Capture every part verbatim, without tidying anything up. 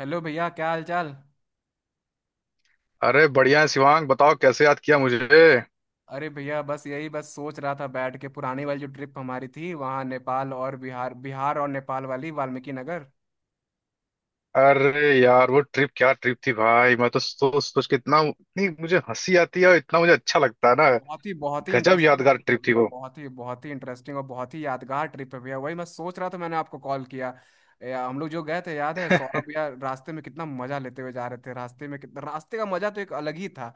Hello भैया, क्या हाल चाल। अरे बढ़िया है शिवांग। बताओ, कैसे याद किया मुझे? अरे भैया, बस यही बस सोच रहा था बैठ के, पुरानी वाली जो ट्रिप हमारी थी वहाँ, नेपाल और बिहार, बिहार और नेपाल वाली, वाल्मीकि नगर। अरे यार, वो ट्रिप क्या ट्रिप थी भाई। मैं तो सोच सोच के इतना, इतनी मुझे हंसी आती है और इतना मुझे अच्छा लगता है ना। बहुत ही बहुत ही गजब इंटरेस्टिंग यादगार ट्रिप थी ट्रिप थी भैया, वो। बहुत ही बहुत ही इंटरेस्टिंग और बहुत ही यादगार ट्रिप है भैया। वही मैं सोच रहा था, मैंने आपको कॉल किया। ए, हम लोग जो गए थे याद है सौरभ भैया, रास्ते में कितना मजा लेते हुए जा रहे थे, रास्ते में कितना, रास्ते का मजा तो एक अलग ही था।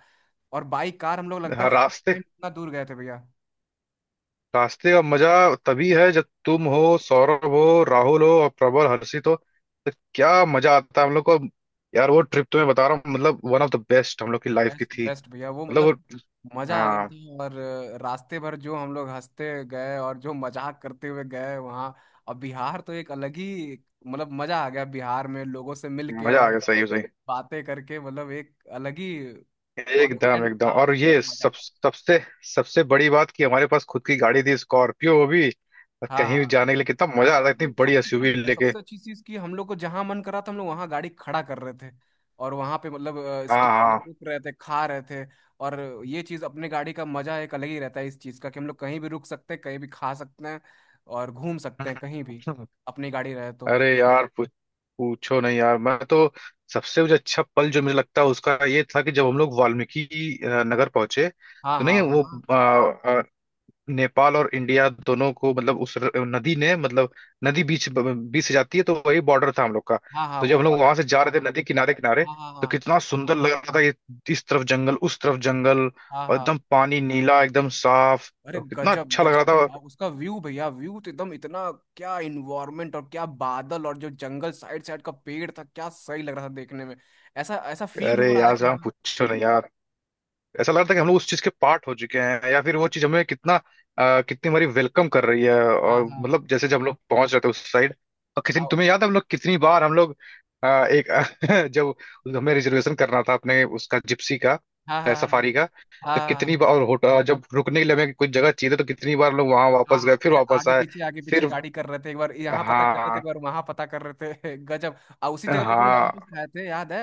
और बाई कार हम लोग लगता है हाँ, फर्स्ट रास्ते टाइम इतना दूर गए थे भैया। रास्ते का मजा तभी है जब तुम हो, सौरभ हो, राहुल हो और प्रबल हर्षित हो। तो क्या मजा आता है हम लोग को। यार वो ट्रिप तो मैं बता रहा हूँ, मतलब वन ऑफ द बेस्ट हम लोग की लाइफ की बेस्ट थी। बेस्ट भैया, वो मतलब वो मतलब मजा आ गया हाँ, था। और अ, रास्ते भर जो हम लोग हंसते गए और जो मजाक करते हुए गए वहाँ। अब बिहार तो एक अलग ही, मतलब मजा आ गया बिहार में लोगों से मिलके मजा और आ गया। सही है, सही। बातें करके, मतलब एक अलग ही एकदम कॉन्फिडेंट एकदम। था और और अलग ही ये मजा सब था। सबसे, सबसे बड़ी बात कि हमारे पास खुद की गाड़ी थी, स्कॉर्पियो वो भी। और हाँ कहीं भी हाँ। जाने के लिए कितना आ, मजा आता है इतनी सबसे बड़ी सबसे एसयूवी चीज लेके। सबसे अच्छी चीज कि हम लोग को जहां मन करा था हम लोग वहां गाड़ी खड़ा कर रहे थे। और वहां पे मतलब अ, हाँ स्टे, हाँ। मतलब रुक रहे थे, खा रहे थे। और ये चीज अपने गाड़ी का मजा एक अलग ही रहता है इस चीज का, कि हम लोग कहीं भी रुक सकते हैं, कहीं भी खा सकते हैं और घूम हम्म। सकते हैं कहीं भी, हम्म। अपनी गाड़ी रहे तो। अरे यार पूछ, पूछो नहीं यार। मैं तो सबसे मुझे अच्छा पल जो मुझे लगता है उसका ये था कि जब हम लोग वाल्मीकि अ, नगर पहुंचे। हाँ तो हाँ, नहीं वो वहाँ। नेपाल और इंडिया दोनों को मतलब उस र- नदी ने मतलब, नदी बीच बीच से जाती है, तो वही बॉर्डर था हम लोग का। हाँ हाँ, तो जब वो हम लोग बॉर्डर। वहां से जा रहे थे नदी किनारे किनारे, हाँ हाँ तो हाँ कितना सुंदर लग रहा था ये। इस तरफ जंगल, उस तरफ जंगल हाँ और हाँ। एकदम पानी नीला एकदम साफ। अरे और कितना गजब अच्छा लग रहा गजब, था। आ, उसका व्यू भैया, व्यू तो एकदम इतना, क्या इन्वायरमेंट और क्या बादल और जो जंगल साइड साइड का पेड़ था, क्या सही लग रहा था देखने में। ऐसा ऐसा फील अरे हो रहा था यार कि। साहब, पूछो नहीं यार। ऐसा लग रहा था कि हम लोग उस चीज के पार्ट हो चुके हैं, या फिर वो चीज हमें कितना अ, कितनी हमारी वेलकम कर रही है। हाँ और हाँ हाँ। मतलब जैसे जब हम लोग पहुंच रहे थे उस साइड। और कितनी आओ। तुम्हें याद है हम लोग कितनी बार हम लोग अ, एक जब हमें रिजर्वेशन करना था अपने उसका जिप्सी का, हाँ हाँ हाँ सफारी हाँ का। तो हाँ हाँ, हाँ। कितनी बार, और होटल जब रुकने के लिए हमें कुछ जगह चाहिए थी, तो कितनी बार हम लोग वहां हाँ वापस हाँ, गए फिर अरे वापस आगे आए। पीछे आगे पीछे फिर गाड़ी कर रहे थे, एक बार यहाँ पता कर रहे थे, हाँ एक बार वहां पता कर रहे थे गजब। आ उसी जगह पे तुम लोग मोमोज हाँ। खाए थे, याद है।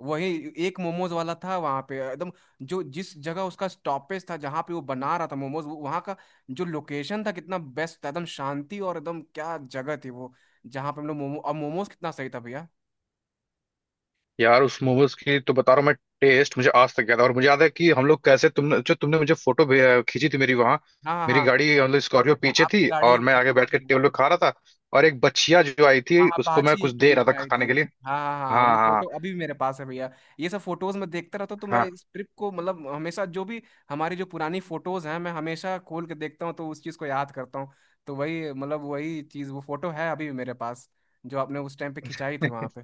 वही एक मोमोज वाला था वहां पे एकदम, जो जिस जगह उसका स्टॉपेज था जहाँ पे वो बना रहा था मोमोज, वहां का जो लोकेशन था कितना बेस्ट था, एकदम शांति, और एकदम क्या जगह थी वो, जहाँ पे हम लोग मोमो और मोमोज, कितना सही था भैया। यार उस मोमोज की तो बता रहा हूँ मैं, टेस्ट मुझे आज तक याद है। और मुझे याद है कि हम लोग कैसे, तुमने जो तुमने मुझे फोटो खींची थी मेरी वहां। हाँ हाँ मेरी गाड़ी मतलब स्कॉर्पियो हाँ पीछे आपकी थी गाड़ी और मैं आगे आपकी बैठ कर गाड़ी, हाँ। टेबल पे खा रहा था। और एक बच्चिया जो आई हाँ थी हाँ, उसको मैं बाछी कुछ एक तो दे बीच रहा था में आई थी। खाने के लिए। हाँ हाँ हाँ, हाँ वो हाँ फोटो अभी भी मेरे पास है भैया। ये सब फोटोज मैं देखता रहता हूँ, तो मैं हाँ। इस ट्रिप को मतलब हमेशा, जो भी हमारी जो पुरानी फोटोज हैं मैं हमेशा खोल के देखता हूँ, तो उस चीज़ को याद करता हूँ। तो वही मतलब वही चीज़, वो फोटो है अभी भी मेरे पास, जो आपने उस टाइम पे खिंचाई थी वहाँ पे।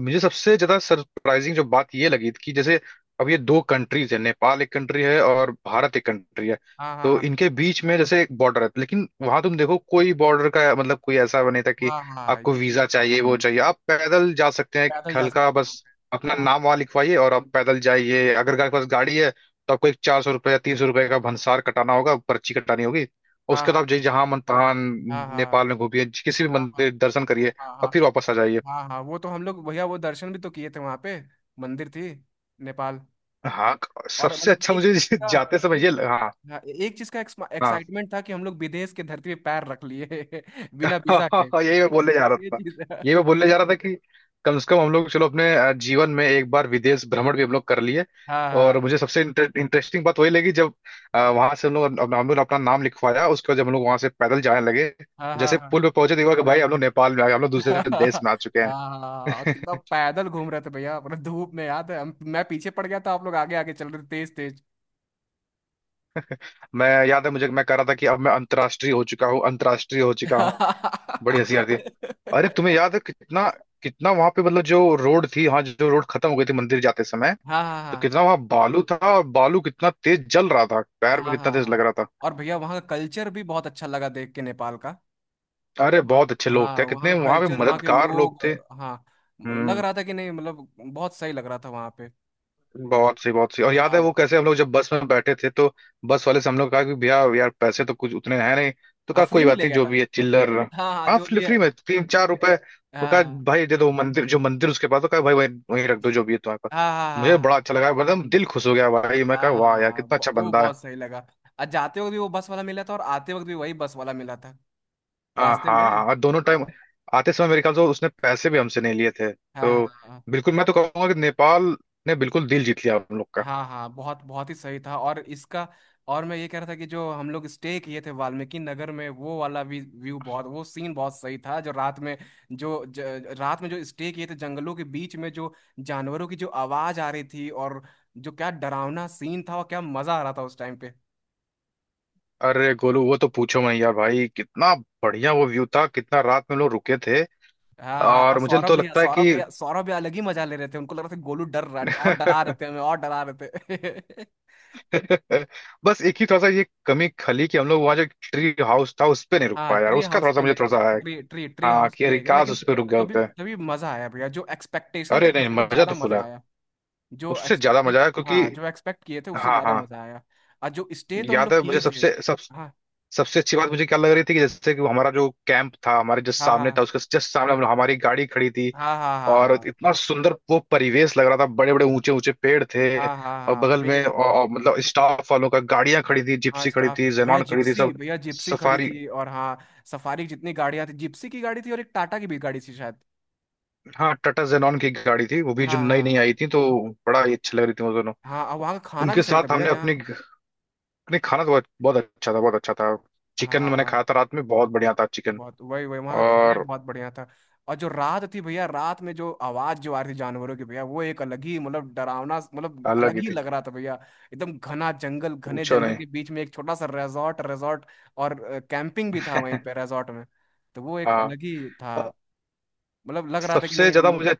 मुझे सबसे ज्यादा सरप्राइजिंग जो बात ये लगी कि जैसे, अब ये दो कंट्रीज है, नेपाल एक कंट्री है और भारत एक कंट्री है। हाँ तो हाँ इनके बीच में जैसे एक बॉर्डर है, लेकिन वहां तुम देखो कोई बॉर्डर का मतलब कोई ऐसा वो नहीं था कि हाँ हाँ हाँ, आपको ये चीज़। वीजा चाहिए, वो चाहिए। आप पैदल जा सकते हैं, पैदल एक जा हल्का सकते हो बस अपना वहाँ नाम वहां लिखवाइए और आप पैदल जाइए। अगर आपके पास गाड़ी है तो आपको एक चार सौ रुपये या तीन सौ रुपये का भंसार कटाना होगा, पर्ची कटानी होगी। पे। और हाँ उसके बाद हाँ आप जहाँ मन तहाँ हाँ हाँ नेपाल में घूमिए, किसी भी हाँ हाँ हाँ मंदिर दर्शन करिए हाँ और हाँ फिर वापस आ जाइए। हाँ हाँ हाँ, वो तो हम लोग भैया वो दर्शन भी तो किए थे वहाँ पे, मंदिर थी नेपाल। हाँ क- और सबसे मतलब अच्छा एक मुझे चीज का, जाते समय ये लगा- हाँ। हाँ, एक चीज का हाँ। एक्साइटमेंट था कि हम लोग विदेश के धरती पे पैर रख लिए बिना वीजा के। हाँ, यही मैं बोलने जा रहा ये था। चीज है। यही मैं बोलने जा रहा था कि कम से कम हम लोग, चलो, अपने अ, जीवन में एक बार विदेश भ्रमण भी हम लोग कर लिए। हाँ और हाँ मुझे सबसे इंटरेस्टिंग बात वही लगी जब वहां से हम लोग, हम हम लोग ने अपना नाम लिखवाया, उसके बाद जब हम लोग वहां से पैदल जाने लगे, हाँ जैसे हाँ पुल पे पहुंचे, तो हुआ कि भाई हम लोग नेपाल में आ गए, हम लोग हाँ दूसरे हाँ देश में आ चुके हैं। हाँ हाँ, और कितना पैदल घूम रहे थे भैया पूरा धूप में, याद है हम, मैं पीछे पड़ गया था, आप लोग आगे आगे चल रहे थे तेज तेज मैं याद है मुझे, मैं कह रहा था कि अब मैं अंतर्राष्ट्रीय हो चुका हूँ, अंतर्राष्ट्रीय हो चुका हूँ। बड़ी हाँ हंसी आती है। अरे तुम्हें याद है कितना, कितना वहां पे मतलब जो रोड थी, हाँ, जो रोड खत्म हो गई थी मंदिर जाते समय, हाँ हाँ तो हाँ कितना वहां बालू था और बालू कितना तेज जल रहा था, हाँ पैर में हाँ कितना हाँ, तेज लग हाँ। रहा था। और भैया वहाँ का कल्चर भी बहुत अच्छा लगा देख के, नेपाल का। अरे वहाँ बहुत अच्छे का- लोग हाँ थे, वहाँ कितने का वहां पे कल्चर, वहाँ के मददगार लोग लोग, थे। हाँ, लग हम्म। रहा था कि नहीं, मतलब बहुत सही लग रहा था वहाँ पे। और बहुत सी बहुत सी। और याद है हाँ वो कैसे हम लोग जब बस में बैठे थे, तो बस वाले से हम लोग कहा कि भैया यार पैसे तो कुछ उतने हैं नहीं, तो हाँ कहा फ्री कोई में बात ले नहीं, गया जो था, भी है चिल्लर। हाँ हाँ हाँ, जो फ्री भी फ्री में है। तीन चार रुपए, तो कहा हाँ भाई दे दो मंदिर, जो मंदिर उसके पास, तो कहा भाई वहीं वहीं रख दो जो भी है तुम्हारे पास। हाँ मुझे हाँ बड़ा हाँ अच्छा लगा, मतलब दिल खुश हो गया भाई। मैं हाँ कहा हाँ वाह हाँ यार हाँ, कितना अच्छा ब- वो बंदा है। बहुत सही लगा। आज जाते वक्त भी वो बस वाला मिला था, और आते वक्त भी वही बस वाला मिला था हाँ रास्ते हाँ में। हाँ। और दोनों टाइम आते समय मेरे ख्याल से उसने पैसे भी हमसे नहीं लिए थे, हाँ तो हाँ हाँ। बिल्कुल मैं तो कहूंगा कि नेपाल ने बिल्कुल दिल जीत लिया हम लोग। हाँ हाँ, बहुत बहुत ही सही था, और इसका, और मैं ये कह रहा था कि जो हम लोग स्टे किए थे वाल्मीकि नगर में, वो वाला भी व्यू बहुत, वो सीन बहुत सही था जो रात में, जो ज, रात में जो स्टे किए थे जंगलों के बीच में, जो जानवरों की जो आवाज आ रही थी, और जो क्या डरावना सीन था और क्या मजा आ रहा था उस टाइम पे। अरे गोलू वो तो पूछो, मैं यार भाई कितना बढ़िया वो व्यू था, कितना रात में लोग रुके थे। हाँ हाँ, और और मुझे सौरभ तो भैया लगता है सौरभ कि भैया सौरभ भैया अलग ही मजा ले रहे थे, उनको लग रहा था कि गोलू डर रहा है, और डरा रहे थे हमें, और डरा रहे थे बस एक ही थोड़ा सा ये कमी खली कि हम लोग वहाँ जो ट्री हाउस था उस पे नहीं रुक हाँ, पाए यार, ट्री उसका हाउस थोड़ा सा पे मुझे नहीं थोड़ा गए, सा है। ट्री ट्री ट्री हाँ, हाउस कि पे अरे नहीं गए, काश लेकिन उस पे रुक गए तभी होते। तभी मजा आया भैया, जो एक्सपेक्टेशन था अरे नहीं, उससे मजा ज्यादा तो फुल मजा है। आया। जो उससे ज्यादा मजा एक्सपेक्टेड, आया क्योंकि हाँ, जो एक्सपेक्ट किए थे उससे हाँ ज्यादा हाँ। मजा आया। और जो स्टे तो हम याद लोग है किए मुझे, थे। सबसे सब हाँ सबसे अच्छी बात मुझे क्या लग रही थी कि जैसे कि वो हमारा जो कैंप था हमारे जस्ट हाँ सामने हाँ था, उसके जस्ट सामने हम- हमारी गाड़ी खड़ी थी। हाँ हाँ और हाँ इतना सुंदर वो परिवेश लग रहा था, बड़े बड़े ऊंचे ऊंचे पेड़ थे हाँ हाँ हाँ और हाँ बगल में, पेड़, और, और मतलब स्टाफ वालों का गाड़ियां खड़ी थी, हाँ जिप्सी खड़ी स्टाफ थी, भैया जेनॉन खड़ी थी, जिप्सी सब। भैया जिप्सी खड़ी सफारी। थी, और हाँ सफारी की जितनी गाड़ियाँ थी जिप्सी की गाड़ी थी, और एक टाटा की भी गाड़ी थी शायद। हाँ टाटा जेनॉन की गाड़ी थी वो भी, जो हाँ नई हाँ नई आई हाँ थी, तो बड़ा ही अच्छी लग रही थी वो दोनों। हाँ। और वहाँ का खाना उनके भी सही था साथ भैया हमने जहाँ, अपने अपने खाना तो बहुत बहुत अच्छा था, बहुत अच्छा था। हाँ चिकन हाँ मैंने हाँ। खाया था रात में, बहुत बढ़िया था चिकन। बहुत वही वही, वहाँ का खाना भी और बहुत बढ़िया था। और जो रात थी भैया, रात में जो आवाज जो आ रही थी जानवरों की भैया, वो एक अलग ही मतलब डरावना, मतलब अलग अलग ही ही थी। लग रहा था भैया। एकदम घना जंगल, घने पूछो जंगल नहीं। के बीच में एक छोटा सा रिजॉर्ट, रिजॉर्ट और कैंपिंग भी था वहीं पे रिजॉर्ट में। तो वो एक हाँ। अलग ही था, मतलब लग रहा था कि सबसे नहीं हम ज्यादा लोग। मुझे,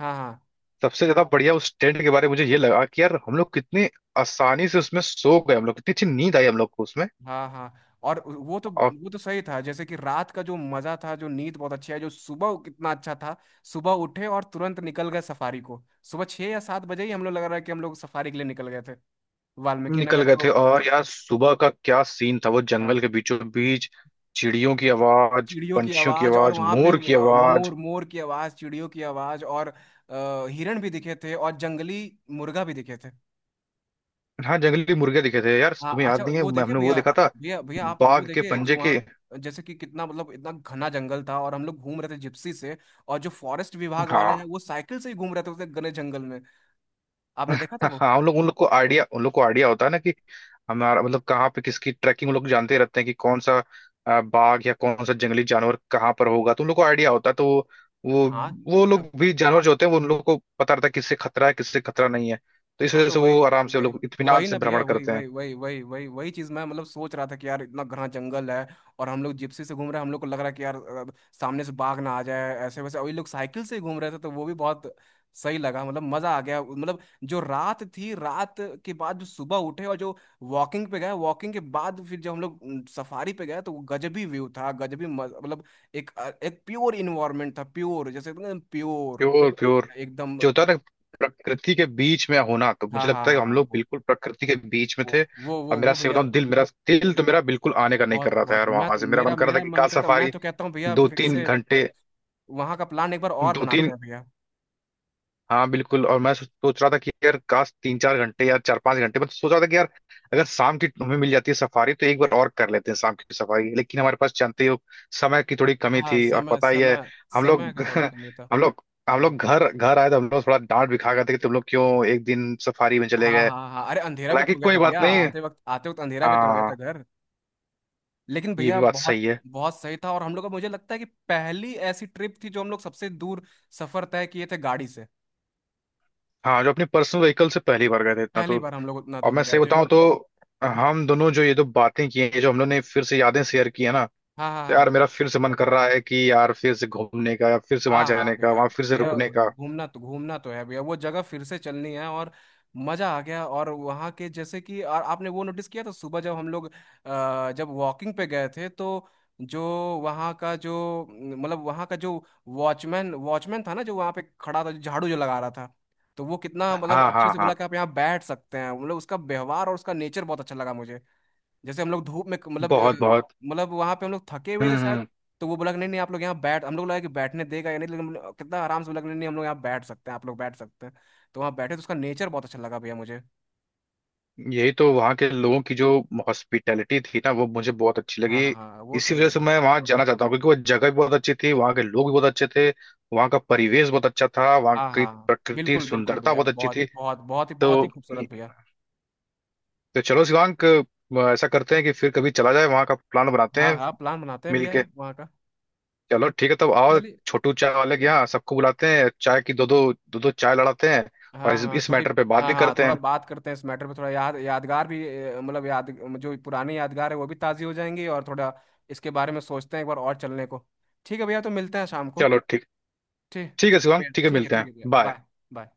हाँ हाँ। सबसे ज्यादा बढ़िया उस टेंट के बारे में मुझे ये लगा कि यार हम लोग कितने आसानी से उसमें सो गए, हम लोग कितनी अच्छी नींद आई हम लोग को उसमें। हाँ हाँ, और वो तो और वो तो सही था, जैसे कि रात का जो मजा था, जो नींद बहुत अच्छी है, जो सुबह कितना अच्छा था, सुबह उठे और तुरंत निकल गए सफारी को। सुबह छह या सात बजे ही हम लोग लग रहा है कि हम लोग सफारी के लिए निकल गए थे। वाल्मीकि निकल नगर गए जो थे। अ, और यार सुबह का क्या सीन था वो, हाँ जंगल के बीचों बीच चिड़ियों की आवाज, चिड़ियों की पंछियों की आवाज, और आवाज, वहाँ पे मोर की अ, आवाज। मोर मोर की आवाज, चिड़ियों की आवाज, और अ, हिरण भी दिखे थे, और जंगली मुर्गा भी दिखे थे। हाँ जंगली मुर्गे दिखे थे यार, हाँ तुम्हें अच्छा, याद नहीं है, वो मैं- देखे हमने वो भैया। देखा था, भैया भैया आप वो बाघ के देखे, जो पंजे के। वहाँ जैसे कि कितना मतलब इतना घना जंगल था और हम लोग घूम रहे थे जिप्सी से, और जो फॉरेस्ट विभाग वाले हैं हाँ वो साइकिल से ही घूम रहे थे उस घने जंगल में, आपने देखा था हाँ वो। हाँ। उन लोग उन लोग को आइडिया, उन लोग को आइडिया होता है ना कि हमारा मतलब कहाँ पे किसकी ट्रैकिंग, उन लोग जानते रहते हैं कि कौन सा अ, बाघ या कौन सा जंगली जानवर कहाँ पर होगा, तो उन लोग को आइडिया होता है। तो वो वो हाँ वो लोग भी, जानवर जो होते हैं, वो उन लोग को पता रहता है किससे खतरा है, किससे खतरा नहीं है। तो इस हाँ, वजह तो से वही वो आराम से, वो वही लोग इत्मीनान वही से ना भैया भ्रमण वही करते हैं। वही वही वही वही वही चीज मैं मतलब सोच रहा था कि यार इतना घना जंगल है और हम लोग जिप्सी से घूम रहे हैं, हम लोग को लग रहा है कि यार अ, सामने से बाघ ना आ जाए ऐसे वैसे, वही लोग साइकिल से ही घूम रहे थे, तो वो भी बहुत सही लगा, मतलब मजा आ गया। मतलब जो रात थी, रात के बाद जो सुबह उठे और जो वॉकिंग पे गए, वॉकिंग के बाद फिर जब हम लोग सफारी पे गए, तो वो गजबी व्यू था, गजबी मज- मतलब एक, एक प्योर इन्वायरमेंट था, प्योर जैसे प्योर, प्योर प्योर एकदम। जो होता है ना, प्रकृति के बीच में होना, तो हाँ मुझे हाँ लगता है कि हम हाँ, लोग बिल्कुल प्रकृति के बीच में वो थे। वो वो और मेरा वो से भैया बताऊं, दिल मेरा दिल तो, मेरा बिल्कुल आने का नहीं कर बहुत रहा था बहुत, यार मैं वहां तो से। मेरा मेरा मन कर रहा था मेरा कि मन कार करता, मैं सफारी तो कहता हूँ भैया दो फिर तीन से, ज- घंटे, वहाँ का प्लान एक बार और दो बनाते तीन हैं भैया। हाँ बिल्कुल। और मैं सो- सोच रहा था कि यार काश तीन चार घंटे या चार पांच घंटे, मैं तो सोच रहा था कि यार अगर शाम की हमें मिल जाती है सफारी तो एक बार और कर लेते हैं शाम की सफारी। लेकिन हमारे पास, जानते ही हो, समय की थोड़ी कमी हाँ थी और समय पता ही है। समय हम समय लोग का थोड़ा कमी था। हम लोग हम लोग घर घर आए तो हम लोग थोड़ा डांट भी खा गए थे कि तुम लोग क्यों एक दिन सफारी में चले हाँ गए। हाँ हाँ, अरे अंधेरा भी तो हालांकि हो गया कोई था बात भैया, नहीं। आते वक्त आते वक्त अंधेरा भी तो हो गया हाँ, था घर। लेकिन ये भैया भी बात सही बहुत है। बहुत सही था, और हम लोग का मुझे लगता है कि पहली ऐसी ट्रिप थी जो हम लोग सबसे दूर सफर तय किए थे गाड़ी से, हाँ जो अपने पर्सनल व्हीकल से पहली बार गए थे इतना तो। पहली बार हम लोग उतना और मैं दूर गए सही थे। बताऊं तो हम दोनों जो ये जो बातें की हैं, ये जो हम लोगों ने फिर से यादें शेयर की है ना, हाँ हाँ तो हाँ यार मेरा फिर से मन कर रहा है कि यार फिर से घूमने का, या फिर से वहां हाँ हाँ, जाने का, भैया, वहां फिर से अरे भैया रुकने का। घूमना तो घूमना तो है भैया, वो जगह फिर से चलनी है। और मजा आ गया, और वहाँ के जैसे कि, और आपने वो नोटिस किया था सुबह जब हम लोग अ, जब वॉकिंग पे गए थे, तो जो वहाँ का जो न, मतलब वहाँ का जो वॉचमैन, वॉचमैन था ना, जो वहाँ पे खड़ा था, जो झाड़ू जो लगा रहा था, तो वो कितना मतलब हाँ अच्छे हाँ से बोला हाँ। कि आप यहाँ बैठ सकते हैं, मतलब उसका व्यवहार और उसका नेचर बहुत अच्छा लगा मुझे। जैसे हम लोग धूप में मतलब अ, बहुत बहुत। मतलब वहां पे हम लोग थके हुए हम्म। थे शायद, हम्म। तो वो बोला कि नहीं नहीं आप लोग यहाँ बैठ, हम लोग लगा कि बैठने देगा या नहीं, लेकिन हम लोग- कितना आराम से बोला कि नहीं नहीं, हम लोग यहाँ बैठ सकते हैं, आप लोग बैठ सकते हैं, तो वहाँ बैठे, तो उसका नेचर बहुत अच्छा लगा भैया मुझे। यही तो वहाँ के लोगों की जो हॉस्पिटैलिटी थी ना, वो मुझे बहुत अच्छी हाँ लगी। हाँ, वो इसी सही वजह से लगा। मैं वहाँ जाना चाहता हूँ, क्योंकि वो जगह भी बहुत अच्छी थी, वहाँ के लोग भी बहुत अच्छे थे, वहाँ का परिवेश बहुत अच्छा था, वहाँ हाँ की हाँ हाँ, प्रकृति बिल्कुल बिल्कुल सुंदरता भैया, बहुत अच्छी बहुत थी। बहुत बहुत ही बहुत ही तो खूबसूरत भैया। तो चलो शिवांग, अ, ऐसा करते हैं कि फिर कभी चला जाए, वहां का प्लान बनाते हाँ हैं हाँ, प्लान बनाते हैं भैया मिलके। वहाँ का। चलो ठीक है, तब आओ चलिए। छोटू चाय वाले के यहाँ सबको बुलाते हैं, चाय की दो दो, दो दो चाय लड़ाते हैं और हाँ इस, हाँ इस थोड़ी। मैटर पे बात हाँ भी हाँ करते थोड़ा हैं। बात करते हैं इस मैटर पे, थोड़ा याद यादगार भी अ, मतलब याद, जो पुरानी यादगार है वो भी ताज़ी हो जाएंगी, और थोड़ा इसके बारे में सोचते हैं, एक बार और चलने को। ठीक है भैया, तो मिलते हैं शाम को। चलो ठीक। ठीक ठीक है ठीक है शिवांग, भैया, ठीक है, ठीक है, मिलते हैं, ठीक है भैया, बाय। बाय। बाय।